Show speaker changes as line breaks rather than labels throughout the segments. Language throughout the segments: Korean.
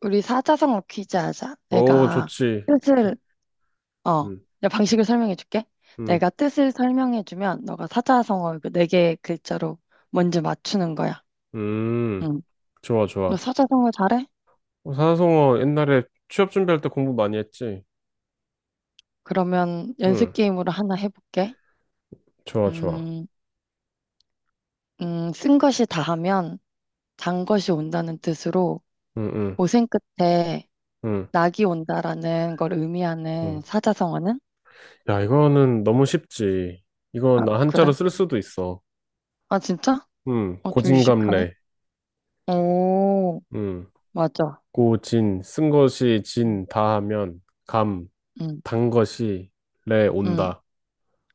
우리 사자성어 퀴즈 하자.
오,
내가
좋지. 좋-
뜻을, 어,
음,
내가 방식을 설명해 줄게.
음,
내가 뜻을 설명해 주면 너가 사자성어 그 네 개 글자로 먼저 맞추는 거야.
음,
응.
좋아,
너
좋아.
사자성어 잘해?
산성어 옛날에 취업 준비할 때 공부 많이 했지?
그러면
응,
연습 게임으로 하나 해볼게.
좋아, 좋아.
음, 쓴 것이 다하면 단 것이 온다는 뜻으로
응, 응,
고생 끝에
응,
낙이 온다라는 걸 의미하는
응.
사자성어는?
야, 이거는 너무 쉽지. 이건
아,
나
그래?
한자로 쓸 수도 있어.
아, 진짜?
응,
어, 좀 유식하네.
고진감래.
오,
응,
맞아.
고진, 쓴 것이 진, 다 하면, 감,
응.
단 것이 래,
응.
온다.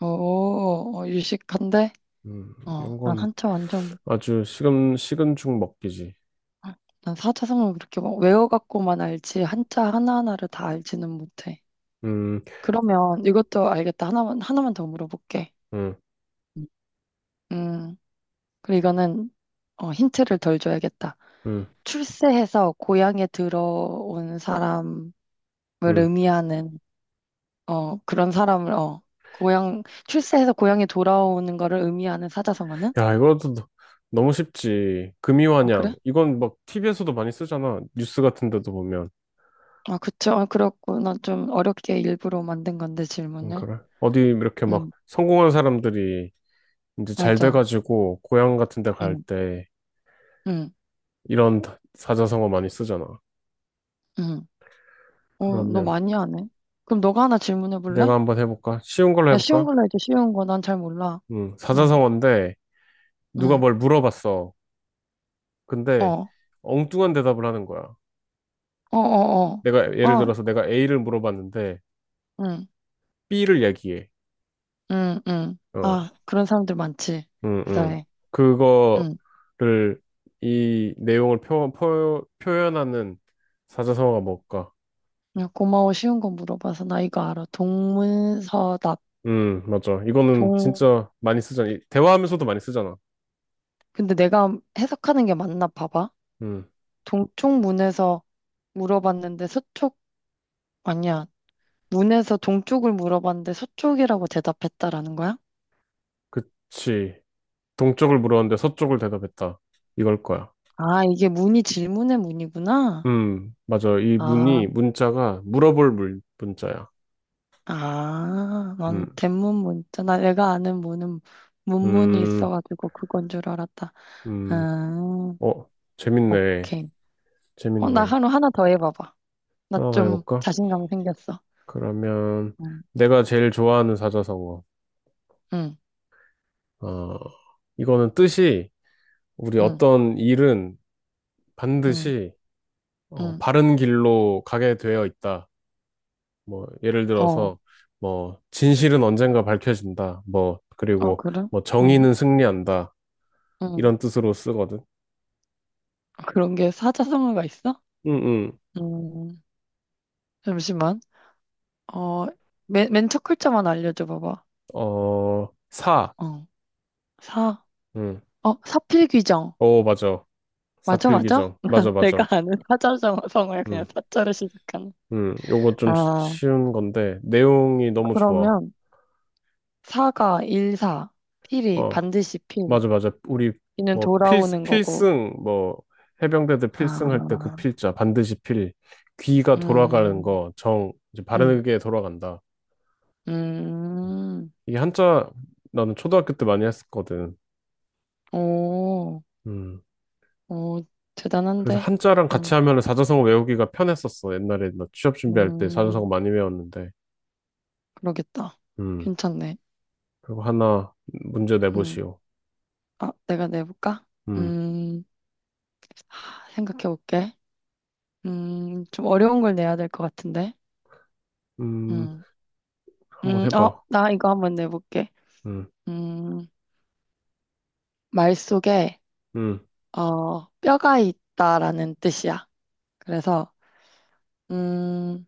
오, 어, 유식한데?
음,
어,
이런
난
건
한자 완전,
아주 식은 죽 먹기지.
난 사자성어 그렇게 막 외워갖고만 알지, 한자 하나하나를 다 알지는 못해.
음,
그러면 이것도 알겠다. 하나만 더 물어볼게.
음,
음. 음, 그리고 이거는, 어, 힌트를 덜 줘야겠다.
음,
출세해서 고향에 들어온 사람을
음.
의미하는, 그런 사람을, 고향, 출세해서 고향에 돌아오는 거를 의미하는 사자성어는?
야, 이것도 너무 쉽지.
아 그래?
금이환양. 이건 막 TV에서도 많이 쓰잖아. 뉴스 같은 데도 보면.
아, 그쵸. 아, 그렇구나. 좀 어렵게 일부러 만든 건데,
응,
질문을.
그래. 어디 이렇게 막
응,
성공한 사람들이 이제 잘
맞아.
돼가지고 고향 같은 데 갈
응,
때
응,
이런 사자성어 많이 쓰잖아.
응. 어, 너
그러면
많이 하네. 그럼 너가 하나 질문해
내가
볼래?
한번 해볼까? 쉬운 걸로
야, 쉬운
해볼까?
걸로 해줘, 쉬운 거. 난 잘 몰라.
응,
응,
사자성어인데 누가
응.
뭘 물어봤어. 근데
어,
엉뚱한 대답을 하는 거야.
어, 어,
내가
어.
예를
어,
들어서 내가 A를 물어봤는데
응,
B를 얘기해.
응, 응.
어.
아, 그런 사람들 많지.
응, 응.
대단해. 응.
그거를 이 내용을 표현하는 사자성어가 뭘까?
야, 고마워. 쉬운 거 물어봐서 나 이거 알아. 동문서답.
응, 맞아. 이거는
동,
진짜 많이 쓰잖아. 대화하면서도 많이 쓰잖아.
근데 내가 해석하는 게 맞나 봐봐.
응,
동쪽 문에서 물어봤는데 서쪽 아니야. 문에서 동쪽을 물어봤는데 서쪽이라고 대답했다라는 거야?
그치. 동쪽을 물었는데 서쪽을 대답했다. 이걸 거야.
아, 이게 문이 질문의 문이구나.
맞아. 이
아,
문이, 문자가 물어볼 문, 문자야.
아, 난
음,
대문 문 있잖아. 내가 아는 문은 문문이
음,
있어가지고 그건 줄 알았다.
음.
음,
어, 재밌네.
오케이. 어, 나
재밌네.
하루 하나 더 해봐봐. 나
하나 더
좀
해볼까?
자신감 생겼어.
그러면,
응,
내가 제일 좋아하는 사자성어.
응,
어, 이거는 뜻이 우리
응,
어떤 일은
응,
반드시
응.
바른 길로 가게 되어 있다. 뭐 예를
어,
들어서 뭐 진실은 언젠가 밝혀진다. 뭐
어,
그리고
그래?
뭐
응,
정의는 승리한다.
응.
이런 뜻으로 쓰거든.
그런 게 사자성어가 있어?
응응.
음, 잠시만. 어, 맨첫 글자만 알려줘 봐봐.
어, 사.
어, 사,
응.
어, 사필귀정.
오, 맞아.
맞아, 맞아?
사필귀정. 맞아,
내가
맞아.
아는 사자성어야
응.
그냥 사자로 시작하는.
응. 요거 좀
아,
쉬운 건데 내용이 너무 좋아.
그러면 사가 일사, 필이
어.
반드시 필,
맞아, 맞아. 우리
이는
뭐 필,
돌아오는 거고.
필승, 뭐 해병대들 필승 할 때 그
아,
필자 반드시 필 귀가 돌아가는
음,
거 정 이제
음,
바르게 돌아간다.
음,
이게 한자 나는 초등학교 때 많이 했었거든.
오,
음.
오,
그래서
대단한데?
한자랑 같이
음,
하면은 사자성어 외우기가 편했었어. 옛날에 나 취업 준비할 때 사자성어
음,
많이 외웠는데.
그러겠다.
음.
괜찮네.
그리고 하나 문제
음,
내보시오.
아, 내가 내볼까?
음.
음. 생각해 볼게. 좀 어려운 걸 내야 될 것 같은데.
음.
음,
한번
어,
해봐.
나 이거 한번 내볼게.
음.
음, 말 속에,
음.
어, 뼈가 있다라는 뜻이야. 그래서, 음,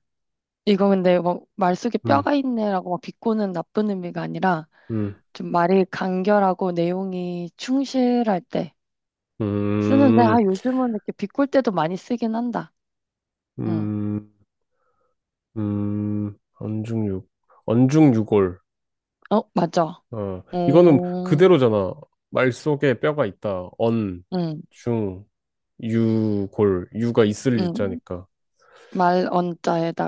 이거 근데 뭐, 말 속에
음.
뼈가 있네라고 막 비꼬는 나쁜 의미가 아니라,
음.
좀 말이 간결하고 내용이 충실할 때 쓰는데, 아,
음.
요즘은 이렇게 비꼴 때도 많이 쓰긴 한다. 음,
음. 언중육. 언중유골.
어, 맞아.
어, 이거는
음,
그대로잖아. 말 속에 뼈가 있다. 언,
음,
중, 유, 골. 유가 있을
음.
유자니까.
말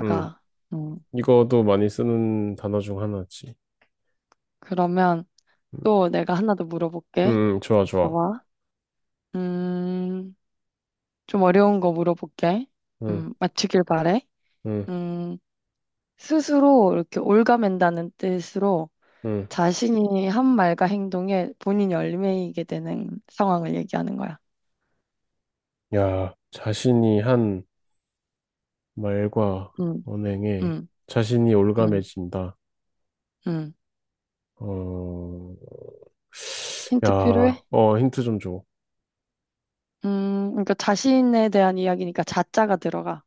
음,
음.
이거도 많이 쓰는 단어 중 하나지.
그러면 또 내가 하나 더 물어볼게.
좋아, 좋아.
있어봐. 음, 좀 어려운 거 물어볼게.
음,
맞추길 바래.
음,
음, 스스로 이렇게 옭아맨다는 뜻으로
음.
자신이 한 말과 행동에 본인이 얽매이게 되는 상황을 얘기하는 거야.
야, 자신이 한 말과
음,
언행에
음,
자신이
음,
올가매진다.
음.
어, 야,
힌트 필요해?
힌트 좀 줘.
그러니까 자신에 대한 이야기니까 자자가 들어가.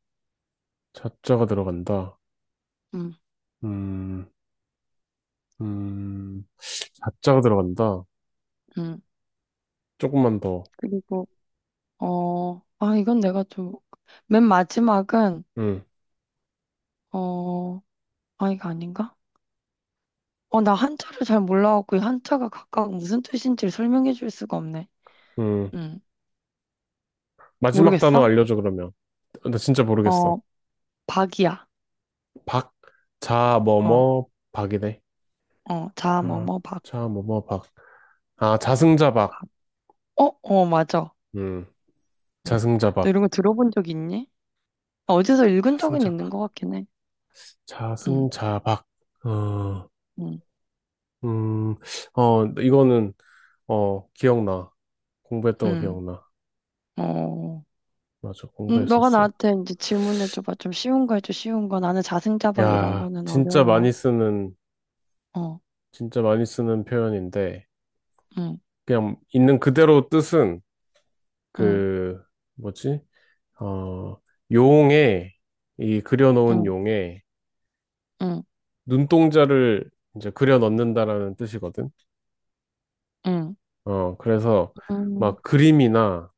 자자가 들어간다.
음,
음. 음, 자자가 들어간다.
음.
조금만 더.
그리고 아, 이건 내가 좀, 맨 마지막은,
음,
어, 아, 이거 아닌가? 어, 나 한자를 잘 몰라갖고, 이 한자가 각각 무슨 뜻인지를 설명해 줄 수가 없네.
음.
음
마지막 단어
모르겠어?
알려줘, 그러면. 나 진짜
어,
모르겠어.
박이야.
박, 자, 뭐,
어,
뭐, 박이네.
어, 자, 뭐,
자,
뭐, 박,
자, 뭐, 뭐, 박. 아, 자승자박.
박. 어, 어, 맞아.
음,
응. 너
자승자박.
이런 거 들어본 적 있니? 어디서 읽은 적은 있는
자승자박.
것 같긴 해. 응,
자승자박. 어,
응,
음, 이거는, 기억나. 공부했던 거
응,
기억나.
어.
맞아,
너가
공부했었어요.
나한테 이제 질문해줘봐. 좀 쉬운 거 해줘, 쉬운 거. 나는 자승자박 이런
야,
거는 어려워. 어,
진짜 많이 쓰는 표현인데,
응.
그냥 있는 그대로 뜻은
응,
그 뭐지? 어, 용에 이 그려놓은
응,
용에
응,
눈동자를 이제 그려 넣는다라는 뜻이거든.
응,
그래서
응,
막 그림이나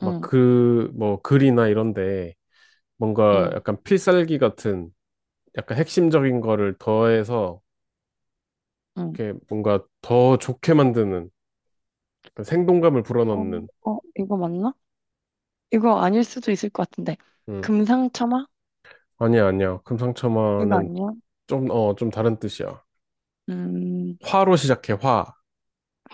막
응,
그 뭐 글이나 이런데 뭔가
응,
약간 필살기 같은 약간 핵심적인 거를 더해서
응.
이렇게 뭔가 더 좋게 만드는 그 생동감을
어,
불어넣는.
어, 이거 맞나? 이거 아닐 수도 있을 것 같은데.
음.
금상첨화?
아니야, 아니야.
이거
금상첨화는
아니야?
좀 다른 뜻이야.
음,
화로 시작해, 화.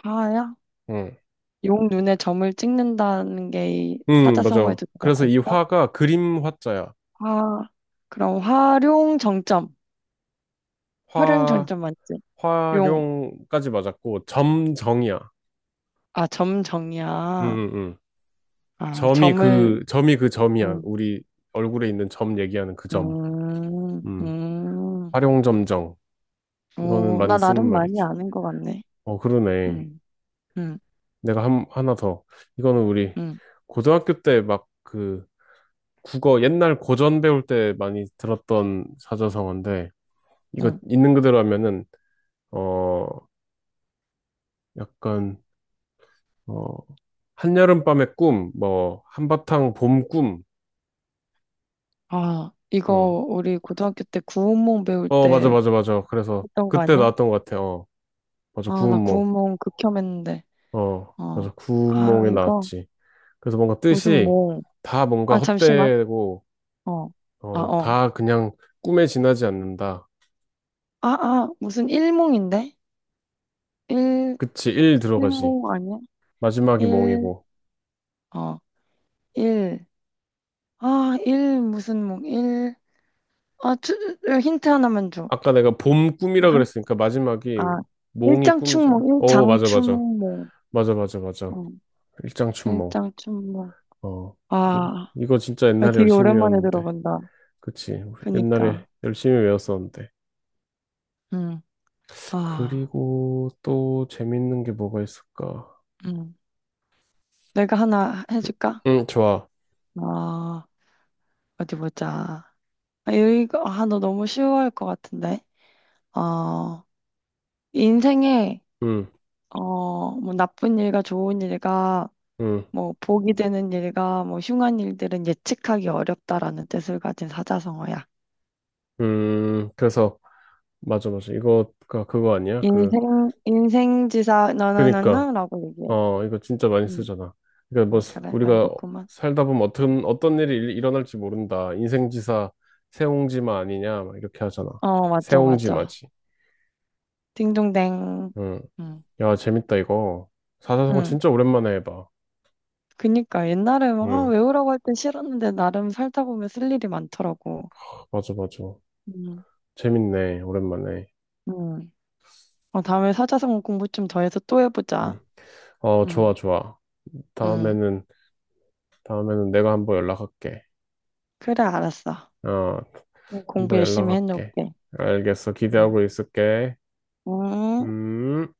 화야?
응.
용 눈에 점을 찍는다는 게이
응, 맞아.
사자성어에도 들어가
그래서 이
있어?
화가 그림 화자야.
화, 그럼 활용 정점. 활용
화,
정점 맞지? 용,
화룡까지 맞았고, 점정이야.
아, 점
응,
정이야.
응, 응.
아, 점을,
점이 그 점이야.
음,
우리 얼굴에 있는 점 얘기하는 그 점.
음,
응.
음.
화룡점정. 이거는
오, 나
많이 쓰는
나름 많이
말이지.
아는 것 같네.
어, 그러네.
음. 음.
내가 하나 더. 이거는 우리
응,
고등학교 때 막 그 국어 옛날 고전 배울 때 많이 들었던 사자성어인데, 이거
응.
있는 그대로 하면은 어 약간 어 한여름밤의 꿈, 뭐 한바탕 봄 꿈.
아,
응.
이거 우리 고등학교 때 구운몽 배울
어 맞아
때
맞아 맞아. 그래서
했던 거
그때
아니야?
나왔던 것 같아. 어 맞아
아, 나
구운몽.
구운몽 극혐했는데.
어
어.
맞아
아,
구운몽에
이거
나왔지. 그래서 뭔가
무슨
뜻이
몽.
다 뭔가
아, 잠시만.
헛되고
어. 아, 어.
다 그냥 꿈에 지나지 않는다.
아, 아, 무슨 일몽인데? 일,
그치 일 들어가지.
일몽 아니야?
마지막이
일,
몽이고.
어, 일. 아, 일 무슨 몽, 일. 아, 주, 힌트 하나만 줘.
아까 내가 봄
뭐
꿈이라
한,
그랬으니까 마지막이
아,
몽이 꿈이잖아. 어 맞아 맞아
일장춘몽.
맞아 맞아 맞아.
어,
일장춘몽.
일장춘몽.
어,
아.
이거 진짜
아,
옛날에
되게
열심히
오랜만에
외웠는데.
들어본다.
그치. 옛날에
그니까.
열심히 외웠었는데.
응, 아,
그리고 또 재밌는 게 뭐가 있을까?
응. 내가 하나 해줄까?
응, 좋아.
아, 어디 보자. 아, 이거, 아, 너 너무 쉬워할 것 같은데. 어, 인생에,
응,
어, 뭐 나쁜 일과 좋은 일과,
응,
뭐 복이 되는 일과, 뭐 흉한 일들은 예측하기 어렵다라는 뜻을 가진 사자성어야.
응. 그래서, 맞아, 맞아. 이거가 그거 아니야?
인생지사,
그니까,
너너너너라고 얘기해.
이거 진짜 많이
음,
쓰잖아. 그러니까 뭐,
아, 그래,
우리가
알겠구만.
살다 보면 어떤 일이 일어날지 모른다. 인생지사, 세옹지마 아니냐? 막 이렇게 하잖아.
어, 맞죠, 맞죠.
세옹지마지.
딩동댕.
응.
음.
야, 재밌다, 이거. 사사성어
응.
진짜 오랜만에 해봐.
그니까 옛날에 막 아,
응,
외우라고 할 땐 싫었는데 나름 살다 보면 쓸 일이 많더라고.
맞아, 맞아.
응,
재밌네, 오랜만에.
응. 어, 다음에 사자성어 공부 좀 더 해서 또
응.
해보자.
어, 좋아,
응,
좋아.
응.
다음에는, 다음에는 내가 한번 연락할게.
그래, 알았어.
어,
공부
한번
열심히
연락할게.
해놓을게.
알겠어,
응.
기대하고 있을게.
응.
음.